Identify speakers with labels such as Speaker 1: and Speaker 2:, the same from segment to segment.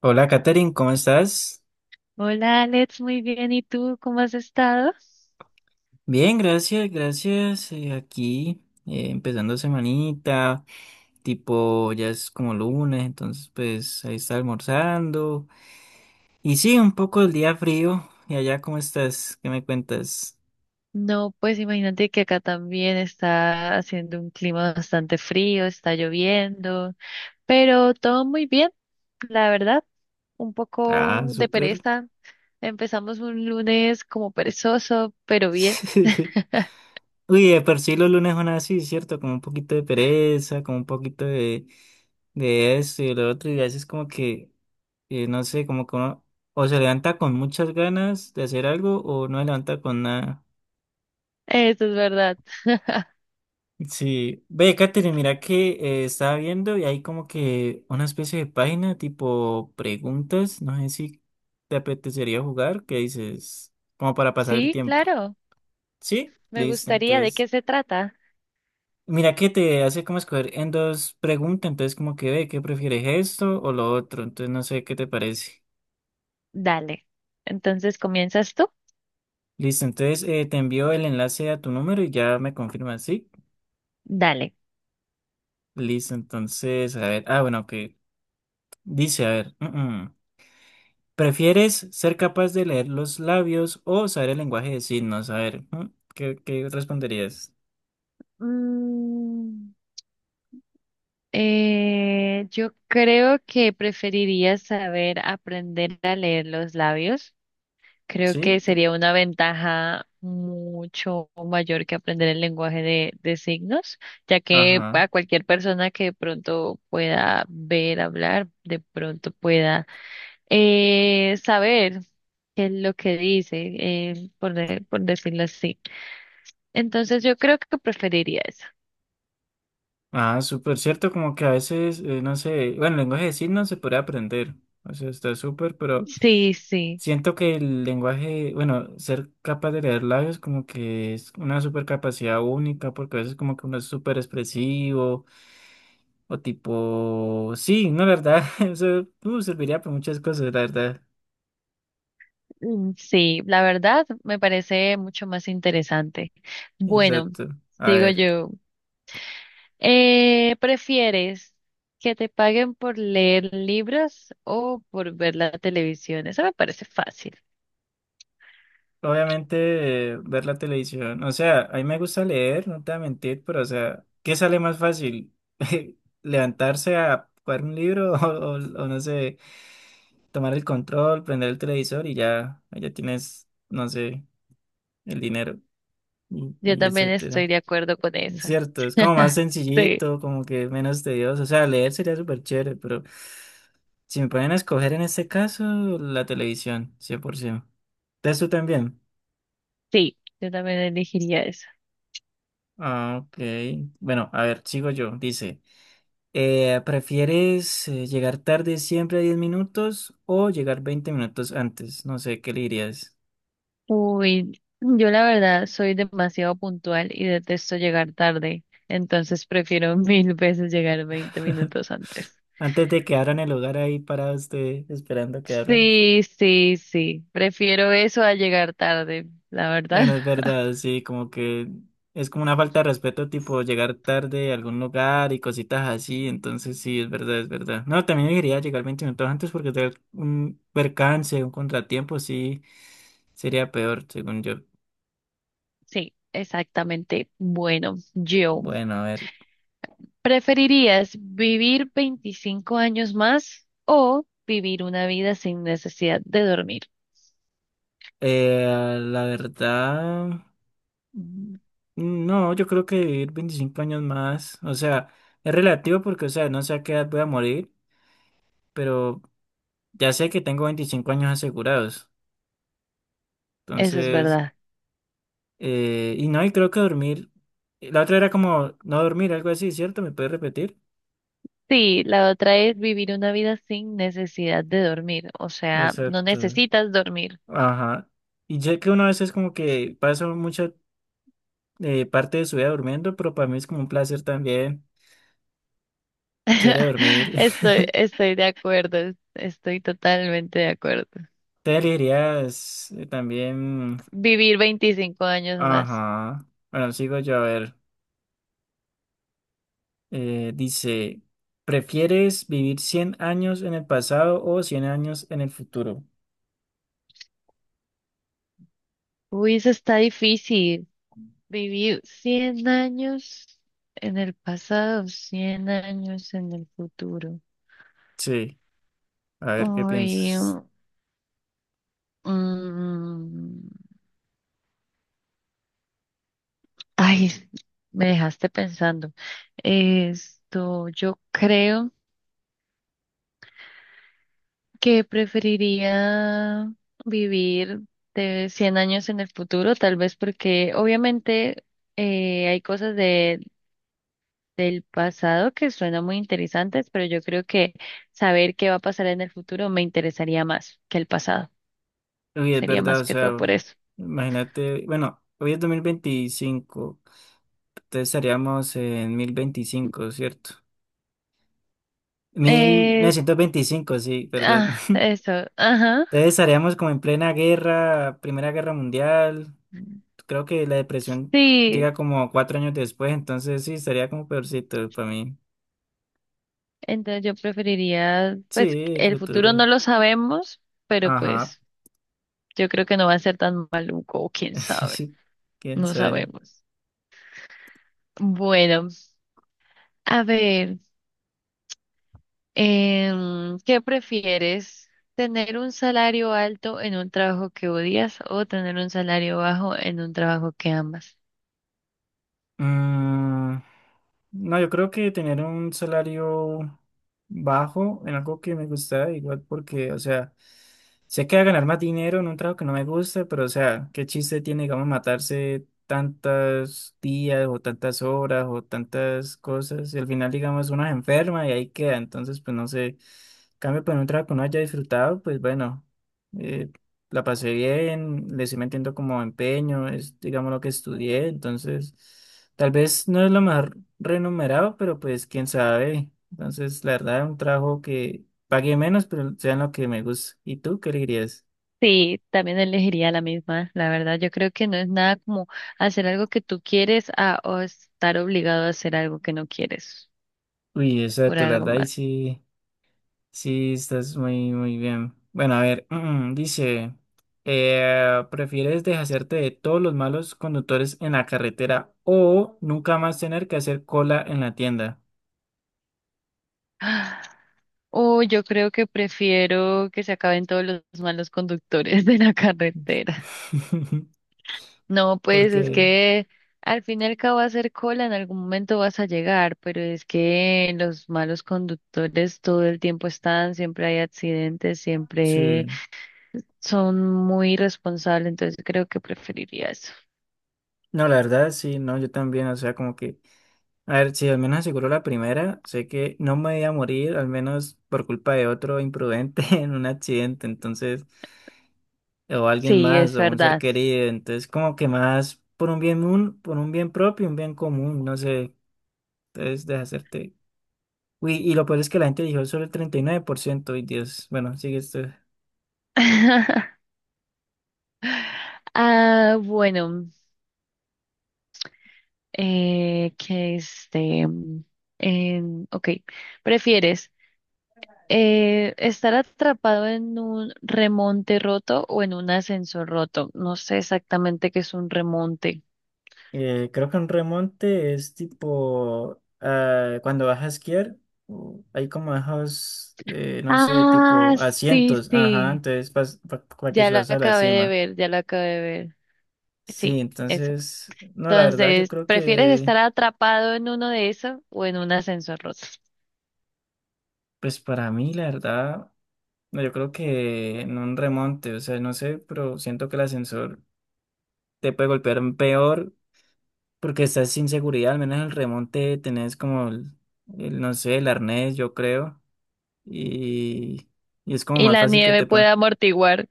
Speaker 1: Hola, Katherine, ¿cómo estás?
Speaker 2: Hola Alex, muy bien. ¿Y tú cómo has estado?
Speaker 1: Bien, gracias, gracias. Aquí, empezando semanita, tipo ya es como lunes, entonces pues ahí está almorzando. Y sí, un poco el día frío. ¿Y allá cómo estás? ¿Qué me cuentas?
Speaker 2: No, pues imagínate que acá también está haciendo un clima bastante frío, está lloviendo, pero todo muy bien, la verdad. Un
Speaker 1: Ah,
Speaker 2: poco de
Speaker 1: súper.
Speaker 2: pereza. Empezamos un lunes como perezoso, pero bien.
Speaker 1: Uy, de por sí los lunes son así, ¿cierto? Como un poquito de pereza, como un poquito de esto y de lo otro, y a veces como que, y no sé, como que uno o se levanta con muchas ganas de hacer algo o no se levanta con nada.
Speaker 2: Eso es verdad.
Speaker 1: Sí, ve, Katherine, mira que, estaba viendo y hay como que una especie de página tipo preguntas, no sé si te apetecería jugar, que dices, como para pasar el
Speaker 2: Sí,
Speaker 1: tiempo.
Speaker 2: claro.
Speaker 1: Sí,
Speaker 2: Me
Speaker 1: listo,
Speaker 2: gustaría. ¿De
Speaker 1: entonces,
Speaker 2: qué se trata?
Speaker 1: mira que te hace como escoger en dos preguntas, entonces como que ve, ¿qué prefieres esto o lo otro? Entonces no sé qué te parece.
Speaker 2: Dale. Entonces, ¿comienzas tú?
Speaker 1: Listo, entonces, te envío el enlace a tu número y ya me confirmas, ¿sí?
Speaker 2: Dale.
Speaker 1: Listo, entonces, a ver, ah, bueno, que dice, a ver, mm. ¿prefieres ser capaz de leer los labios o saber el lenguaje de signos? A ver, ¿qué, qué responderías?
Speaker 2: Mm. Yo creo que preferiría saber aprender a leer los labios. Creo
Speaker 1: Sí,
Speaker 2: que sería una ventaja mucho mayor que aprender el lenguaje de signos, ya que
Speaker 1: ajá.
Speaker 2: a cualquier persona que de pronto pueda ver, hablar, de pronto pueda saber qué es lo que dice, por, por decirlo así. Entonces yo creo que preferiría eso.
Speaker 1: Ah, súper cierto, como que a veces, no sé, bueno, el lenguaje de signos se puede aprender, o sea, está súper, pero
Speaker 2: Sí, sí.
Speaker 1: siento que el lenguaje, bueno, ser capaz de leer labios como que es una súper capacidad única, porque a veces como que uno es súper expresivo. O tipo, sí, no, la verdad, eso serviría para muchas cosas, la verdad.
Speaker 2: Mm, sí, la verdad me parece mucho más interesante. Bueno,
Speaker 1: Exacto. A
Speaker 2: digo
Speaker 1: ver,
Speaker 2: yo, ¿prefieres que te paguen por leer libros o por ver la televisión? Eso me parece fácil.
Speaker 1: obviamente, ver la televisión. O sea, a mí me gusta leer, no te voy a mentir, pero o sea, ¿qué sale más fácil? ¿Levantarse a jugar un libro o, o no sé, tomar el control, prender el televisor y ya, ya tienes, no sé, el dinero
Speaker 2: Yo
Speaker 1: y
Speaker 2: también
Speaker 1: etcétera?
Speaker 2: estoy de acuerdo con eso.
Speaker 1: Cierto, es como más
Speaker 2: Sí,
Speaker 1: sencillito, como que menos tedioso. O sea, leer sería súper chévere, pero si me ponen a escoger en este caso, la televisión, 100%. ¿Entonces tú también?
Speaker 2: sí, yo también elegiría eso.
Speaker 1: Ah, ok. Bueno, a ver, sigo yo. Dice, ¿prefieres llegar tarde siempre a 10 minutos o llegar 20 minutos antes? No sé, ¿qué le dirías?
Speaker 2: Uy, yo la verdad soy demasiado puntual y detesto llegar tarde, entonces prefiero mil veces llegar 20 minutos antes.
Speaker 1: Antes de que abran el lugar ahí parado usted esperando que abran.
Speaker 2: Sí, sí, sí. Prefiero eso a llegar tarde, la verdad.
Speaker 1: Bueno, es verdad, sí, como que es como una falta de respeto, tipo llegar tarde a algún lugar y cositas así, entonces sí, es verdad, es verdad. No, también debería llegar 20 minutos antes porque tener un percance, un contratiempo, sí, sería peor, según yo.
Speaker 2: Sí, exactamente. Bueno, yo,
Speaker 1: Bueno, a ver,
Speaker 2: ¿preferirías vivir 25 años más o vivir una vida sin necesidad de dormir?
Speaker 1: la verdad, mm, no, yo creo que vivir 25 años más, o sea, es relativo porque, o sea, no sé a qué edad voy a morir, pero ya sé que tengo 25 años asegurados,
Speaker 2: Eso es
Speaker 1: entonces...
Speaker 2: verdad.
Speaker 1: Y no, y creo que dormir. La otra era como no dormir, algo así, ¿cierto? ¿Me puedes repetir?
Speaker 2: Sí, la otra es vivir una vida sin necesidad de dormir. O sea, no
Speaker 1: Exacto.
Speaker 2: necesitas dormir.
Speaker 1: Ajá. Y sé que una vez es como que paso mucha, parte de su vida durmiendo, pero para mí es como un placer también. Chévere dormir.
Speaker 2: Estoy de acuerdo, estoy totalmente de acuerdo.
Speaker 1: Te elegirías, también.
Speaker 2: Vivir 25 años más.
Speaker 1: Ajá. Bueno, sigo yo a ver. Dice: ¿prefieres vivir 100 años en el pasado o 100 años en el futuro?
Speaker 2: Uy, eso está difícil. Vivir 100 años en el pasado, 100 años en el futuro.
Speaker 1: Sí. A ver qué
Speaker 2: Uy,
Speaker 1: piensas.
Speaker 2: mm, ay, me dejaste pensando. Esto, yo creo. Que preferiría vivir de 100 años en el futuro, tal vez porque obviamente hay cosas de, del pasado que suenan muy interesantes, pero yo creo que saber qué va a pasar en el futuro me interesaría más que el pasado.
Speaker 1: Uy, es
Speaker 2: Sería
Speaker 1: verdad,
Speaker 2: más
Speaker 1: o
Speaker 2: que
Speaker 1: sea,
Speaker 2: todo por eso.
Speaker 1: imagínate, bueno, hoy es 2025, entonces estaríamos en 1025, ¿cierto? Mil
Speaker 2: Es-
Speaker 1: novecientos veinticinco, sí, perdón.
Speaker 2: ah, eso, ajá.
Speaker 1: Entonces estaríamos como en plena guerra, Primera Guerra Mundial, creo que la depresión
Speaker 2: Sí,
Speaker 1: llega como cuatro años después, entonces sí, estaría como peorcito para mí.
Speaker 2: entonces yo preferiría,
Speaker 1: Sí,
Speaker 2: pues
Speaker 1: el
Speaker 2: el futuro
Speaker 1: futuro.
Speaker 2: no lo sabemos, pero
Speaker 1: Ajá,
Speaker 2: pues yo creo que no va a ser tan maluco, quién sabe.
Speaker 1: quién
Speaker 2: No
Speaker 1: sabe.
Speaker 2: sabemos. Bueno, a ver, ¿qué prefieres? ¿Tener un salario alto en un trabajo que odias o tener un salario bajo en un trabajo que amas?
Speaker 1: Mm, No, yo creo que tener un salario bajo en algo que me gusta igual porque, o sea, sé que va a ganar más dinero en un trabajo que no me gusta, pero o sea, ¿qué chiste tiene, digamos, matarse tantos días o tantas horas o tantas cosas? Y al final, digamos, uno se enferma y ahí queda. Entonces, pues no sé. Cambio por un trabajo que uno haya disfrutado, pues bueno, eh, la pasé bien, le estoy metiendo como empeño, es digamos lo que estudié. Entonces, tal vez no es lo mejor renumerado, pero pues quién sabe. Entonces, la verdad, un trabajo que pagué menos, pero sean lo que me gusta. ¿Y tú qué le dirías?
Speaker 2: Sí, también elegiría la misma, la verdad. Yo creo que no es nada como hacer algo que tú quieres a, o estar obligado a hacer algo que no quieres
Speaker 1: Uy,
Speaker 2: por
Speaker 1: exacto, la
Speaker 2: algo
Speaker 1: verdad, y
Speaker 2: más.
Speaker 1: sí, sí, estás muy bien. Bueno, a ver, dice, ¿prefieres deshacerte de todos los malos conductores en la carretera o nunca más tener que hacer cola en la tienda?
Speaker 2: O yo creo que prefiero que se acaben todos los malos conductores de la carretera. No, pues es
Speaker 1: Porque,
Speaker 2: que al fin y al cabo hacer cola en algún momento vas a llegar, pero es que los malos conductores todo el tiempo están, siempre hay accidentes, siempre
Speaker 1: sí,
Speaker 2: son muy irresponsables, entonces creo que preferiría eso.
Speaker 1: no, la verdad, sí, no, yo también, o sea, como que... A ver, si al menos aseguro la primera, sé que no me voy a morir, al menos por culpa de otro imprudente en un accidente, entonces, o alguien
Speaker 2: Sí,
Speaker 1: más,
Speaker 2: es
Speaker 1: o un ser
Speaker 2: verdad.
Speaker 1: querido, entonces como que más por un bien, por un bien propio, un bien común, no sé, entonces deshacerte. Uy, y lo peor es que la gente dijo solo el 39% y Dios, bueno, sigue esto.
Speaker 2: Ah, bueno, eh, que este, ok, ¿prefieres? Estar atrapado en un remonte roto o en un ascensor roto. No sé exactamente qué es un remonte.
Speaker 1: Creo que un remonte es tipo ah, cuando vas a esquiar, hay como bajos, no sé,
Speaker 2: Ah,
Speaker 1: tipo
Speaker 2: sí,
Speaker 1: asientos, ajá,
Speaker 2: sí.
Speaker 1: entonces para que
Speaker 2: Ya lo
Speaker 1: subas a la
Speaker 2: acabé de
Speaker 1: cima.
Speaker 2: ver, ya lo acabé de ver.
Speaker 1: Sí,
Speaker 2: Sí, eso.
Speaker 1: entonces, no, la verdad, yo
Speaker 2: Entonces,
Speaker 1: creo
Speaker 2: ¿prefieres
Speaker 1: que,
Speaker 2: estar atrapado en uno de esos o en un ascensor roto?
Speaker 1: pues para mí, la verdad, no, yo creo que en un remonte, o sea, no sé, pero siento que el ascensor te puede golpear peor porque estás sin seguridad, al menos en el remonte tenés como el, no sé, el arnés, yo creo. Y, y es como
Speaker 2: Y
Speaker 1: más
Speaker 2: la
Speaker 1: fácil que
Speaker 2: nieve puede amortiguar.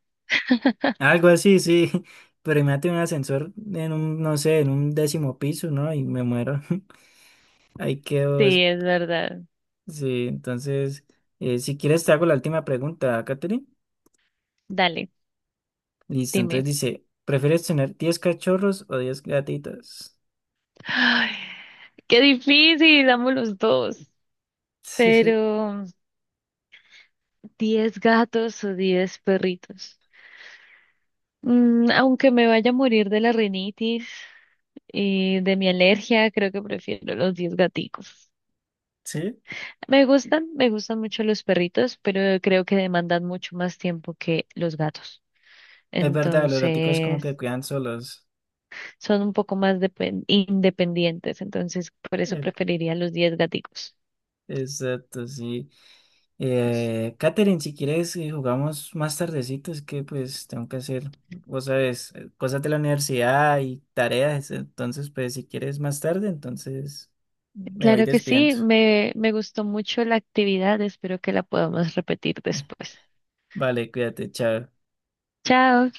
Speaker 1: algo así, sí, pero imagínate un ascensor en un, no sé, en un décimo piso, ¿no? Y me muero. Ahí quedo.
Speaker 2: Sí, es verdad.
Speaker 1: Sí, entonces, si quieres te hago la última pregunta, Katherine.
Speaker 2: Dale,
Speaker 1: Listo,
Speaker 2: dime.
Speaker 1: entonces dice, ¿prefieres tener 10 cachorros o 10 gatitos?
Speaker 2: Ay, qué difícil, amo los dos. Pero. 10 gatos o 10 perritos. Mm, aunque me vaya a morir de la rinitis y de mi alergia, creo que prefiero los 10 gaticos.
Speaker 1: Sí,
Speaker 2: Me gustan mucho los perritos, pero creo que demandan mucho más tiempo que los gatos.
Speaker 1: es verdad, los gaticos como
Speaker 2: Entonces,
Speaker 1: que cuidan solos.
Speaker 2: son un poco más independientes, entonces por eso
Speaker 1: Eh,
Speaker 2: preferiría los 10 gaticos.
Speaker 1: exacto, sí. Katherine, si quieres, jugamos más tardecito, es que pues tengo que hacer, vos sabes, cosas de la universidad y tareas, entonces pues si quieres más tarde, entonces me voy
Speaker 2: Claro que
Speaker 1: despidiendo.
Speaker 2: sí, me gustó mucho la actividad, espero que la podamos repetir después.
Speaker 1: Vale, cuídate, chao.
Speaker 2: Chao.